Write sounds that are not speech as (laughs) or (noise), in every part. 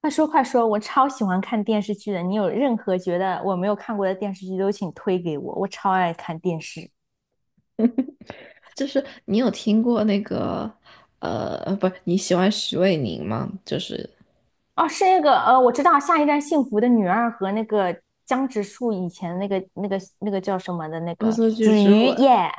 快说快说，我超喜欢看电视剧的。你有任何觉得我没有看过的电视剧都请推给我，我超爱看电视。就是你有听过那个不，你喜欢徐伟宁吗？就是哦，是那个我知道《下一站幸福的女二》和那个江直树以前那个叫什么的那《恶个作剧子之吻》瑜耶。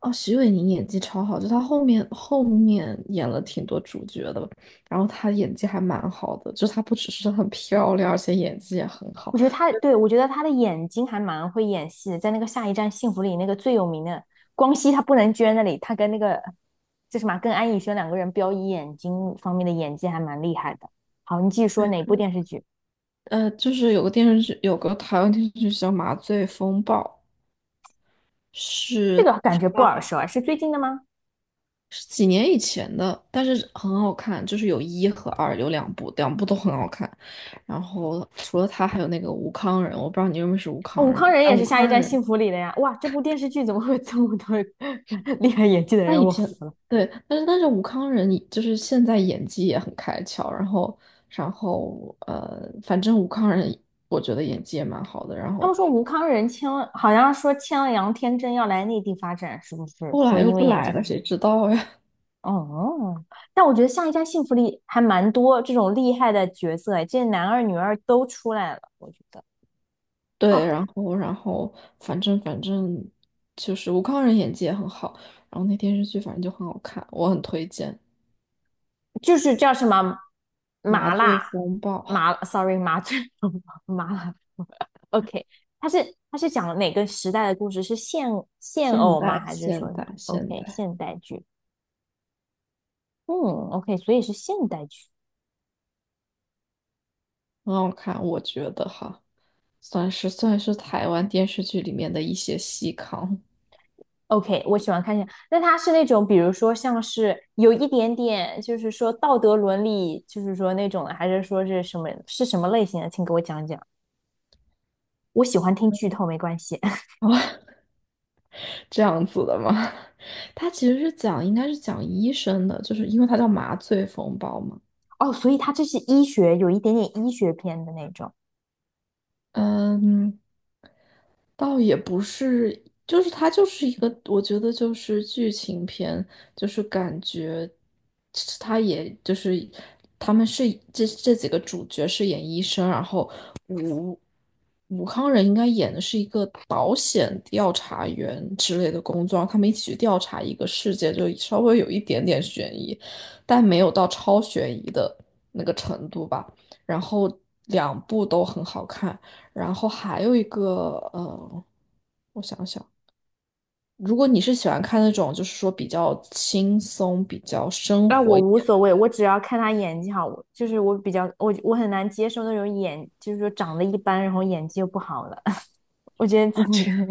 哦，徐伟宁演技超好，就他后面演了挺多主角的，然后他演技还蛮好的，就他不只是很漂亮，而且演技也很好。我觉得她对我觉得她的眼睛还蛮会演戏的，在那个《下一站幸福》里那个最有名的光熙他不能捐那里，他跟那个就什么啊跟安以轩两个人飙以眼睛方面的演技还蛮厉害的。好，你继续说对，哪部电视剧？就是有个电视剧，有个台湾电视剧叫《麻醉风暴》，这是。个感觉不耳熟啊，是最近的吗？是几年以前的，但是很好看，就是有一和二，有两部，两部都很好看。然后除了他，还有那个吴康仁，我不知道你认不认识吴哦，吴康仁。康仁啊，也吴是《下一康站仁，幸福》里的呀。哇，这部电视剧怎么会有这么多 (laughs) 厉害演技的他人？以我前服了。对，但是吴康仁就是现在演技也很开窍，然后反正吴康仁我觉得演技也蛮好的，然他们后说吴康仁签了，好像说签了杨天真要来内地发展，是不是？后说来又因为不演来技。了，谁知道呀？哦，但我觉得《下一站幸福》里还蛮多这种厉害的角色，哎，这男二女二都出来了，我觉得。哦，对，然后反正就是吴康仁演技也很好，然后那电视剧反正就很好看，我很推荐就是叫什么《麻麻醉辣风暴》，麻，sorry 麻醉 (laughs) 麻辣 (laughs)，OK，它是讲哪个时代的故事？是现 (laughs) 现现偶吗？代还是说现什么代现？OK，代现代剧，嗯，OK，所以是现代剧。很好看，我觉得哈，算是台湾电视剧里面的一些细糠。OK，我喜欢看现，那它是那种，比如说像是有一点点，就是说道德伦理，就是说那种的，还是说是什么类型的？请给我讲讲。我喜欢听剧透，没关系。(laughs) 啊，(laughs) 这样子的吗？(laughs) 它其实是讲，应该是讲医生的，就是因为它叫麻醉风暴嘛。哦，所以它这是医学，有一点点医学片的那种。嗯，倒也不是，就是它就是一个，我觉得就是剧情片，就是感觉它也就是他们是这几个主角是演医生，然后武康人应该演的是一个保险调查员之类的工作，他们一起去调查一个事件，就稍微有一点点悬疑，但没有到超悬疑的那个程度吧。然后两部都很好看，然后还有一个我想想，如果你是喜欢看那种就是说比较轻松、比较生那活我一无点。的。所谓，我只要看他演技好，就是我比较我很难接受那种演，就是说长得一般，然后演技又不好的。(laughs) 我觉得自己 (laughs)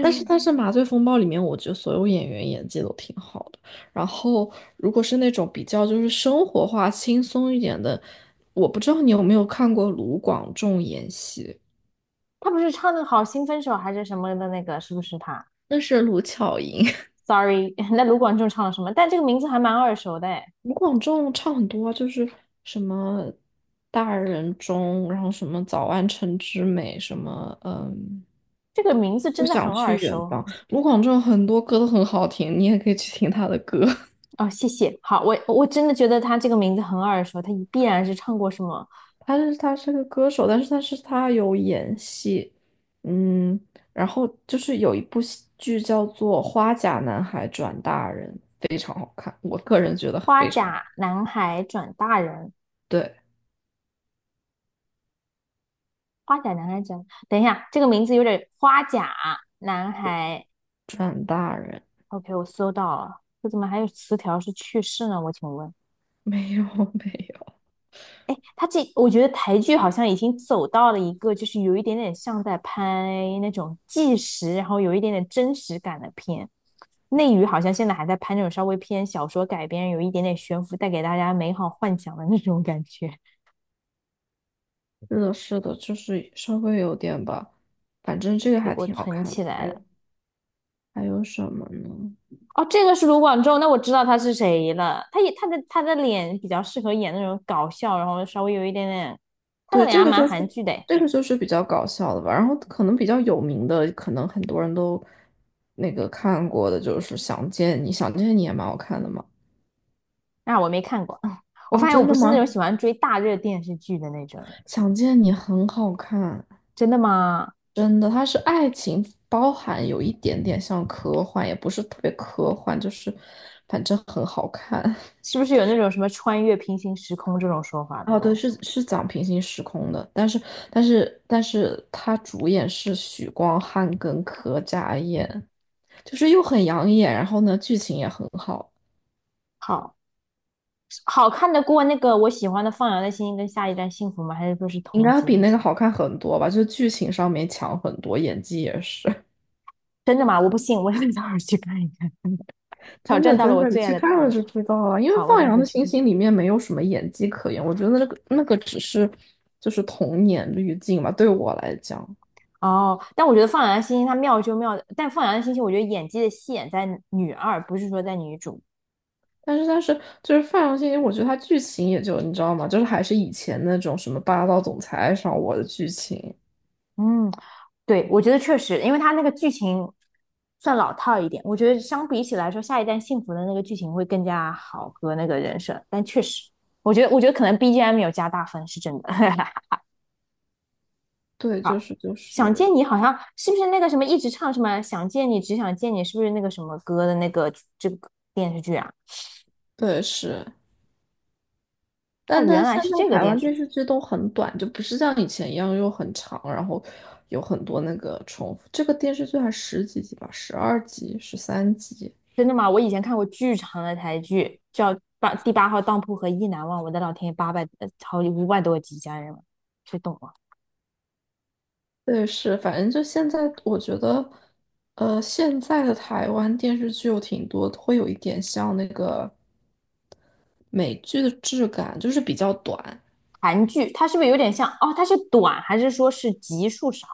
但是 但是《麻醉风暴》里面，我觉得所有演员演技都挺好的。然后，如果是那种比较就是生活化、轻松一点的，我不知道你有没有看过卢广仲演戏，他不是唱的《好心分手》还是什么的那个，是不是他那是卢巧音。(laughs) ？Sorry，(laughs) 那卢广仲唱了什么？但这个名字还蛮耳熟的，哎，卢广仲唱很多啊就是什么《大人中》，然后什么《早安城之美》，什么嗯，这个名字不真的想很耳去远熟方。卢广仲很多歌都很好听，你也可以去听他的歌。(laughs) 哦。谢谢，好，我真的觉得他这个名字很耳熟，他必然是唱过什么他是个歌手，但是他有演戏，嗯，然后就是有一部戏剧叫做《花甲男孩转大人》，非常好看，我个人觉得《花非常好。甲男孩转大人》对，花甲男孩讲，等一下，这个名字有点花甲男孩。OK，我搜到了，这怎么还有词条是去世呢？我请问，没有 (laughs) 没有，哎，他这我觉得台剧好像已经走到了一个，就是有一点点像在拍那种纪实，然后有一点点真实感的片。内娱好像现在还在拍那种稍微偏小说改编，有一点点悬浮，带给大家美好幻想的那种感觉。是的，是的，就是稍微有点吧，反正这个 OK，还我挺好存看的。起来还了。有还有什么呢？哦，这个是卢广仲，那我知道他是谁了。他也他的脸比较适合演那种搞笑，然后稍微有一点点，他的对，脸还这个蛮就是韩剧的诶。这个就是比较搞笑的吧，然后可能比较有名的，可能很多人都那个看过的，就是《想见你》，《想见你》也蛮好看的嘛。那我没看过，(laughs) 我哦，发现我真不的是那吗？种喜欢追大热电视剧的那种人想见你很好看，真的吗？真的，它是爱情，包含有一点点像科幻，也不是特别科幻，就是反正很好看。是不是有那种什么穿越平行时空这种说法的哦，对，东是西？是讲平行时空的，但是它主演是许光汉跟柯佳燕，就是又很养眼，然后呢剧情也很好，好，好看得过那个我喜欢的《放羊的星星》跟《下一站幸福》吗？还是说是应同该比级？那个好看很多吧，就剧情上面强很多，演技也是。真的吗？我不信，我得到时候去看一看，挑真战的到了真我的，你最爱去的台看了就剧。知道了。因为好，我《放到时羊候的去星看。星》里面没有什么演技可言，我觉得那个只是就是童年滤镜吧，对我来讲。哦，但我觉得放羊的星星它妙就妙，但放羊的星星我觉得演技的戏演在女二，不是说在女主。但是就是《放羊星星》，我觉得它剧情也就你知道吗？就是还是以前那种什么霸道总裁爱上我的剧情。嗯，对，我觉得确实，因为它那个剧情算老套一点，我觉得相比起来说，《下一站幸福》的那个剧情会更加好和那个人设，但确实，我觉得可能 BGM 有加大分是真的。(laughs) 对，就好，是就想见是你好像是不是那个什么一直唱什么想见你只想见你，是不是那个什么歌的那个这个电视剧啊？对是，哦，但原但来现是这在个台电湾视。电剧。视剧都很短，就不是像以前一样又很长，然后有很多那个重复。这个电视剧还十几集吧，12集、13集。真的吗？我以前看过巨长的台剧，叫《八第八号当铺》和《意难忘》，我的老天爷，八百好五百多集，家人们，谁懂啊？对，是，反正就现在，我觉得，现在的台湾电视剧有挺多，会有一点像那个美剧的质感，就是比较短，韩剧它是不是有点像？哦，它是短还是说是集数少？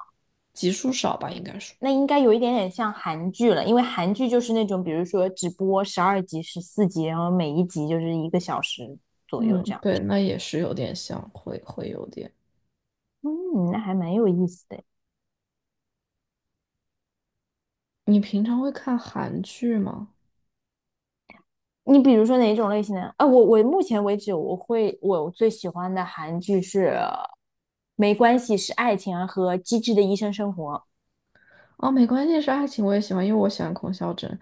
集数少吧，应该是。那应该有一点点像韩剧了，因为韩剧就是那种，比如说只播十二集、十四集，然后每一集就是一个小时左右嗯，这样。对，那也是有点像，会有点。嗯，那还蛮有意思的。你平常会看韩剧吗？你比如说哪种类型的？啊，我目前为止我最喜欢的韩剧是《没关系是爱情》啊和《机智的医生生活》哦，没关系，是爱情我也喜欢，因为我喜欢孔孝真。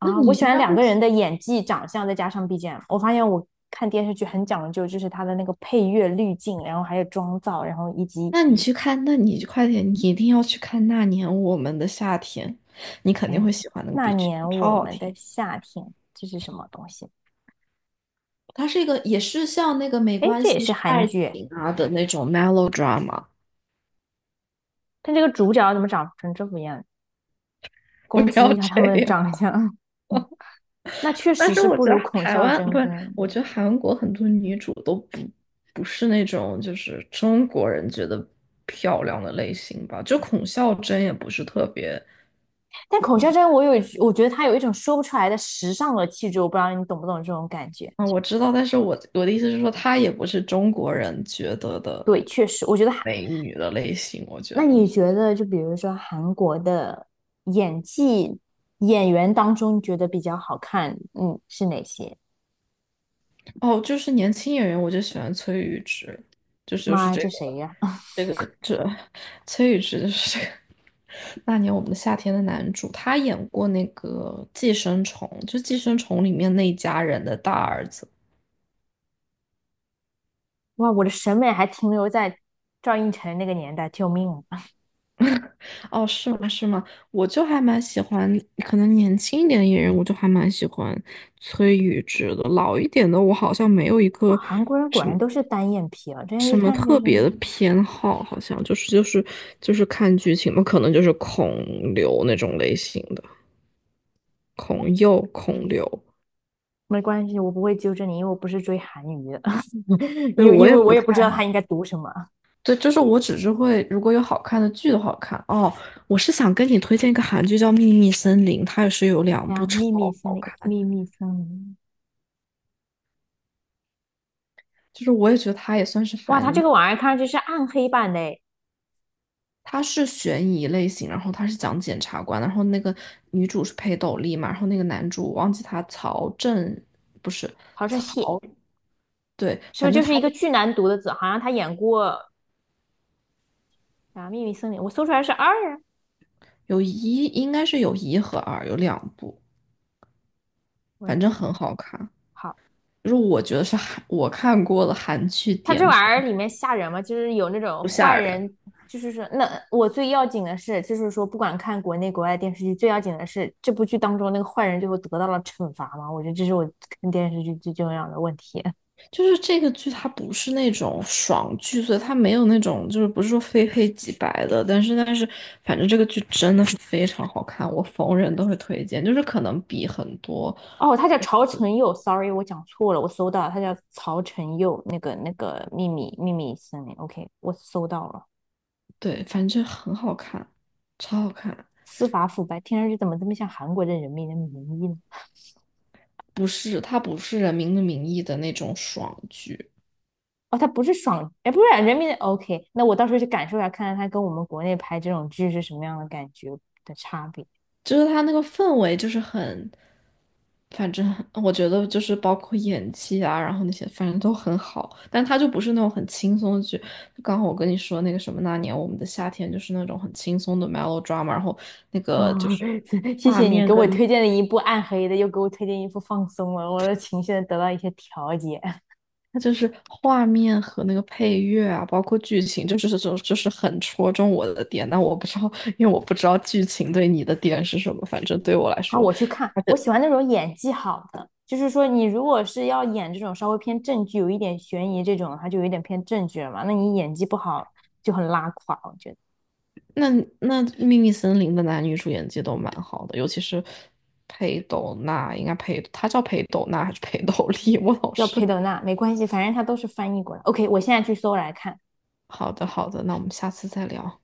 那我你喜应欢该两会个人喜，的演技、长相，再加上 BGM。我发现我看电视剧很讲究，就是它的那个配乐滤镜，然后还有妆造，然后以及那你去看，那你快点，你一定要去看《那年我们的夏天》，你肯哎定会呀，喜欢那个 那 BGM，年超我好们的听。夏天，这是什么东西？它是一个也是像那个《没哎，关这也系是是韩爱剧情》啊的那种 melodrama。但这个主角怎么长成这副样？不攻击要一下他这们的样。长相。(laughs) 那确 (laughs) 但实是是我不觉如得孔台孝湾真不是，跟，我觉得韩国很多女主都不是那种就是中国人觉得漂亮的类型吧。就孔孝真也不是特别但孔孝真我觉得她有一种说不出来的时尚的气质，我不知道你懂不懂这种感觉。啊，我知道，但是我的意思是说，她也不是中国人觉得的对，确实，我觉得美女的类型。我觉那你得觉得就比如说韩国的演技演员当中，你觉得比较好看，嗯，是哪些？哦，就是年轻演员，我就喜欢崔宇植，就是就妈是呀，这这谁个。呀、(laughs) 崔宇植就是这个那年我们的夏天的男主，他演过那个《寄生虫》，就《寄生虫》里面那一家人的大儿子。哇，我的审美还停留在赵寅成那个年代，救命啊！哦，是吗？是吗？我就还蛮喜欢，可能年轻一点的演员，我就还蛮喜欢崔宇植的。老一点的，我好像没有一哇，个韩国人果然都是单眼皮啊，这样什一么看就特别是的偏好，好像就是看剧情嘛，可能就是孔刘那种类型的，孔侑、孔刘。没关系，我不会纠正你，因为我不是追韩语的，(laughs) 对，因为我因也为我不也不知太道它应该读什么。对，就是我只是会，如果有好看的剧的好看哦，我是想跟你推荐一个韩剧叫《秘密森林》，它也是有两哎呀，部超秘密森好林，看，秘密森林，就是我也觉得它也算是哇，它这韩，个玩意儿看上去是暗黑版的诶，它是悬疑类型，然后它是讲检察官，然后那个女主是裴斗丽嘛，然后那个男主我忘记他曹正不是好像蟹，曹，对，是不反是正就是他一个就巨难读的字？好像他演过啊《秘密森林》，我搜出来是二啊，应该是有一和二，有两部，我反来正很搜，好看，好。就是我觉得是韩我看过的韩剧他巅这玩意儿峰，里面吓人吗？就是有那种不吓坏人。人，就是说，那我最要紧的是，就是说，不管看国内国外电视剧，最要紧的是这部剧当中那个坏人最后得到了惩罚吗？我觉得这是我看电视剧最重要的问题。(laughs) 就是这个剧，它不是那种爽剧，所以它没有那种就是不是说非黑即白的，但是反正这个剧真的是非常好看，我逢人都会推荐，就是可能比很多哦，他叫曹承佑，sorry，我讲错了，我搜到了他叫曹承佑，那个那个秘密森林，OK，我搜到了。对，反正很好看，超好看，司法腐败，听上去怎么这么像韩国的人民的名义呢？不是它不是《人民的名义》的那种爽剧，哦，他不是爽，哎，不是啊人民的 OK，那我到时候去感受一下，看看他跟我们国内拍这种剧是什么样的感觉的差别。就是它那个氛围就是很反正我觉得就是包括演技啊，然后那些反正都很好，但他就不是那种很轻松的剧。就刚好我跟你说那个什么那年我们的夏天，就是那种很轻松的 melodrama，然后那个哦，就是 (laughs) 谢画谢你面给我跟推荐了一部暗黑的，又给我推荐一部放松了，我的情绪得到一些调节。它就是画面和那个配乐啊，包括剧情，就是这种就是很戳中我的点。但我不知道，因为我不知道剧情对你的点是什么，反正对我来啊，说。我去看，他我喜的。欢那种演技好的，就是说你如果是要演这种稍微偏正剧，有一点悬疑这种，它就有一点偏正剧了嘛。那你演技不好就很拉垮，我觉得。那那《秘密森林》的男女主演技都蛮好的，尤其是裴斗娜，应该裴，她叫裴斗娜还是裴斗丽？(laughs) 我老叫裴是。德娜没关系，反正它都是翻译过来。OK，我现在去搜来看。好的，好的，那我们下次再聊。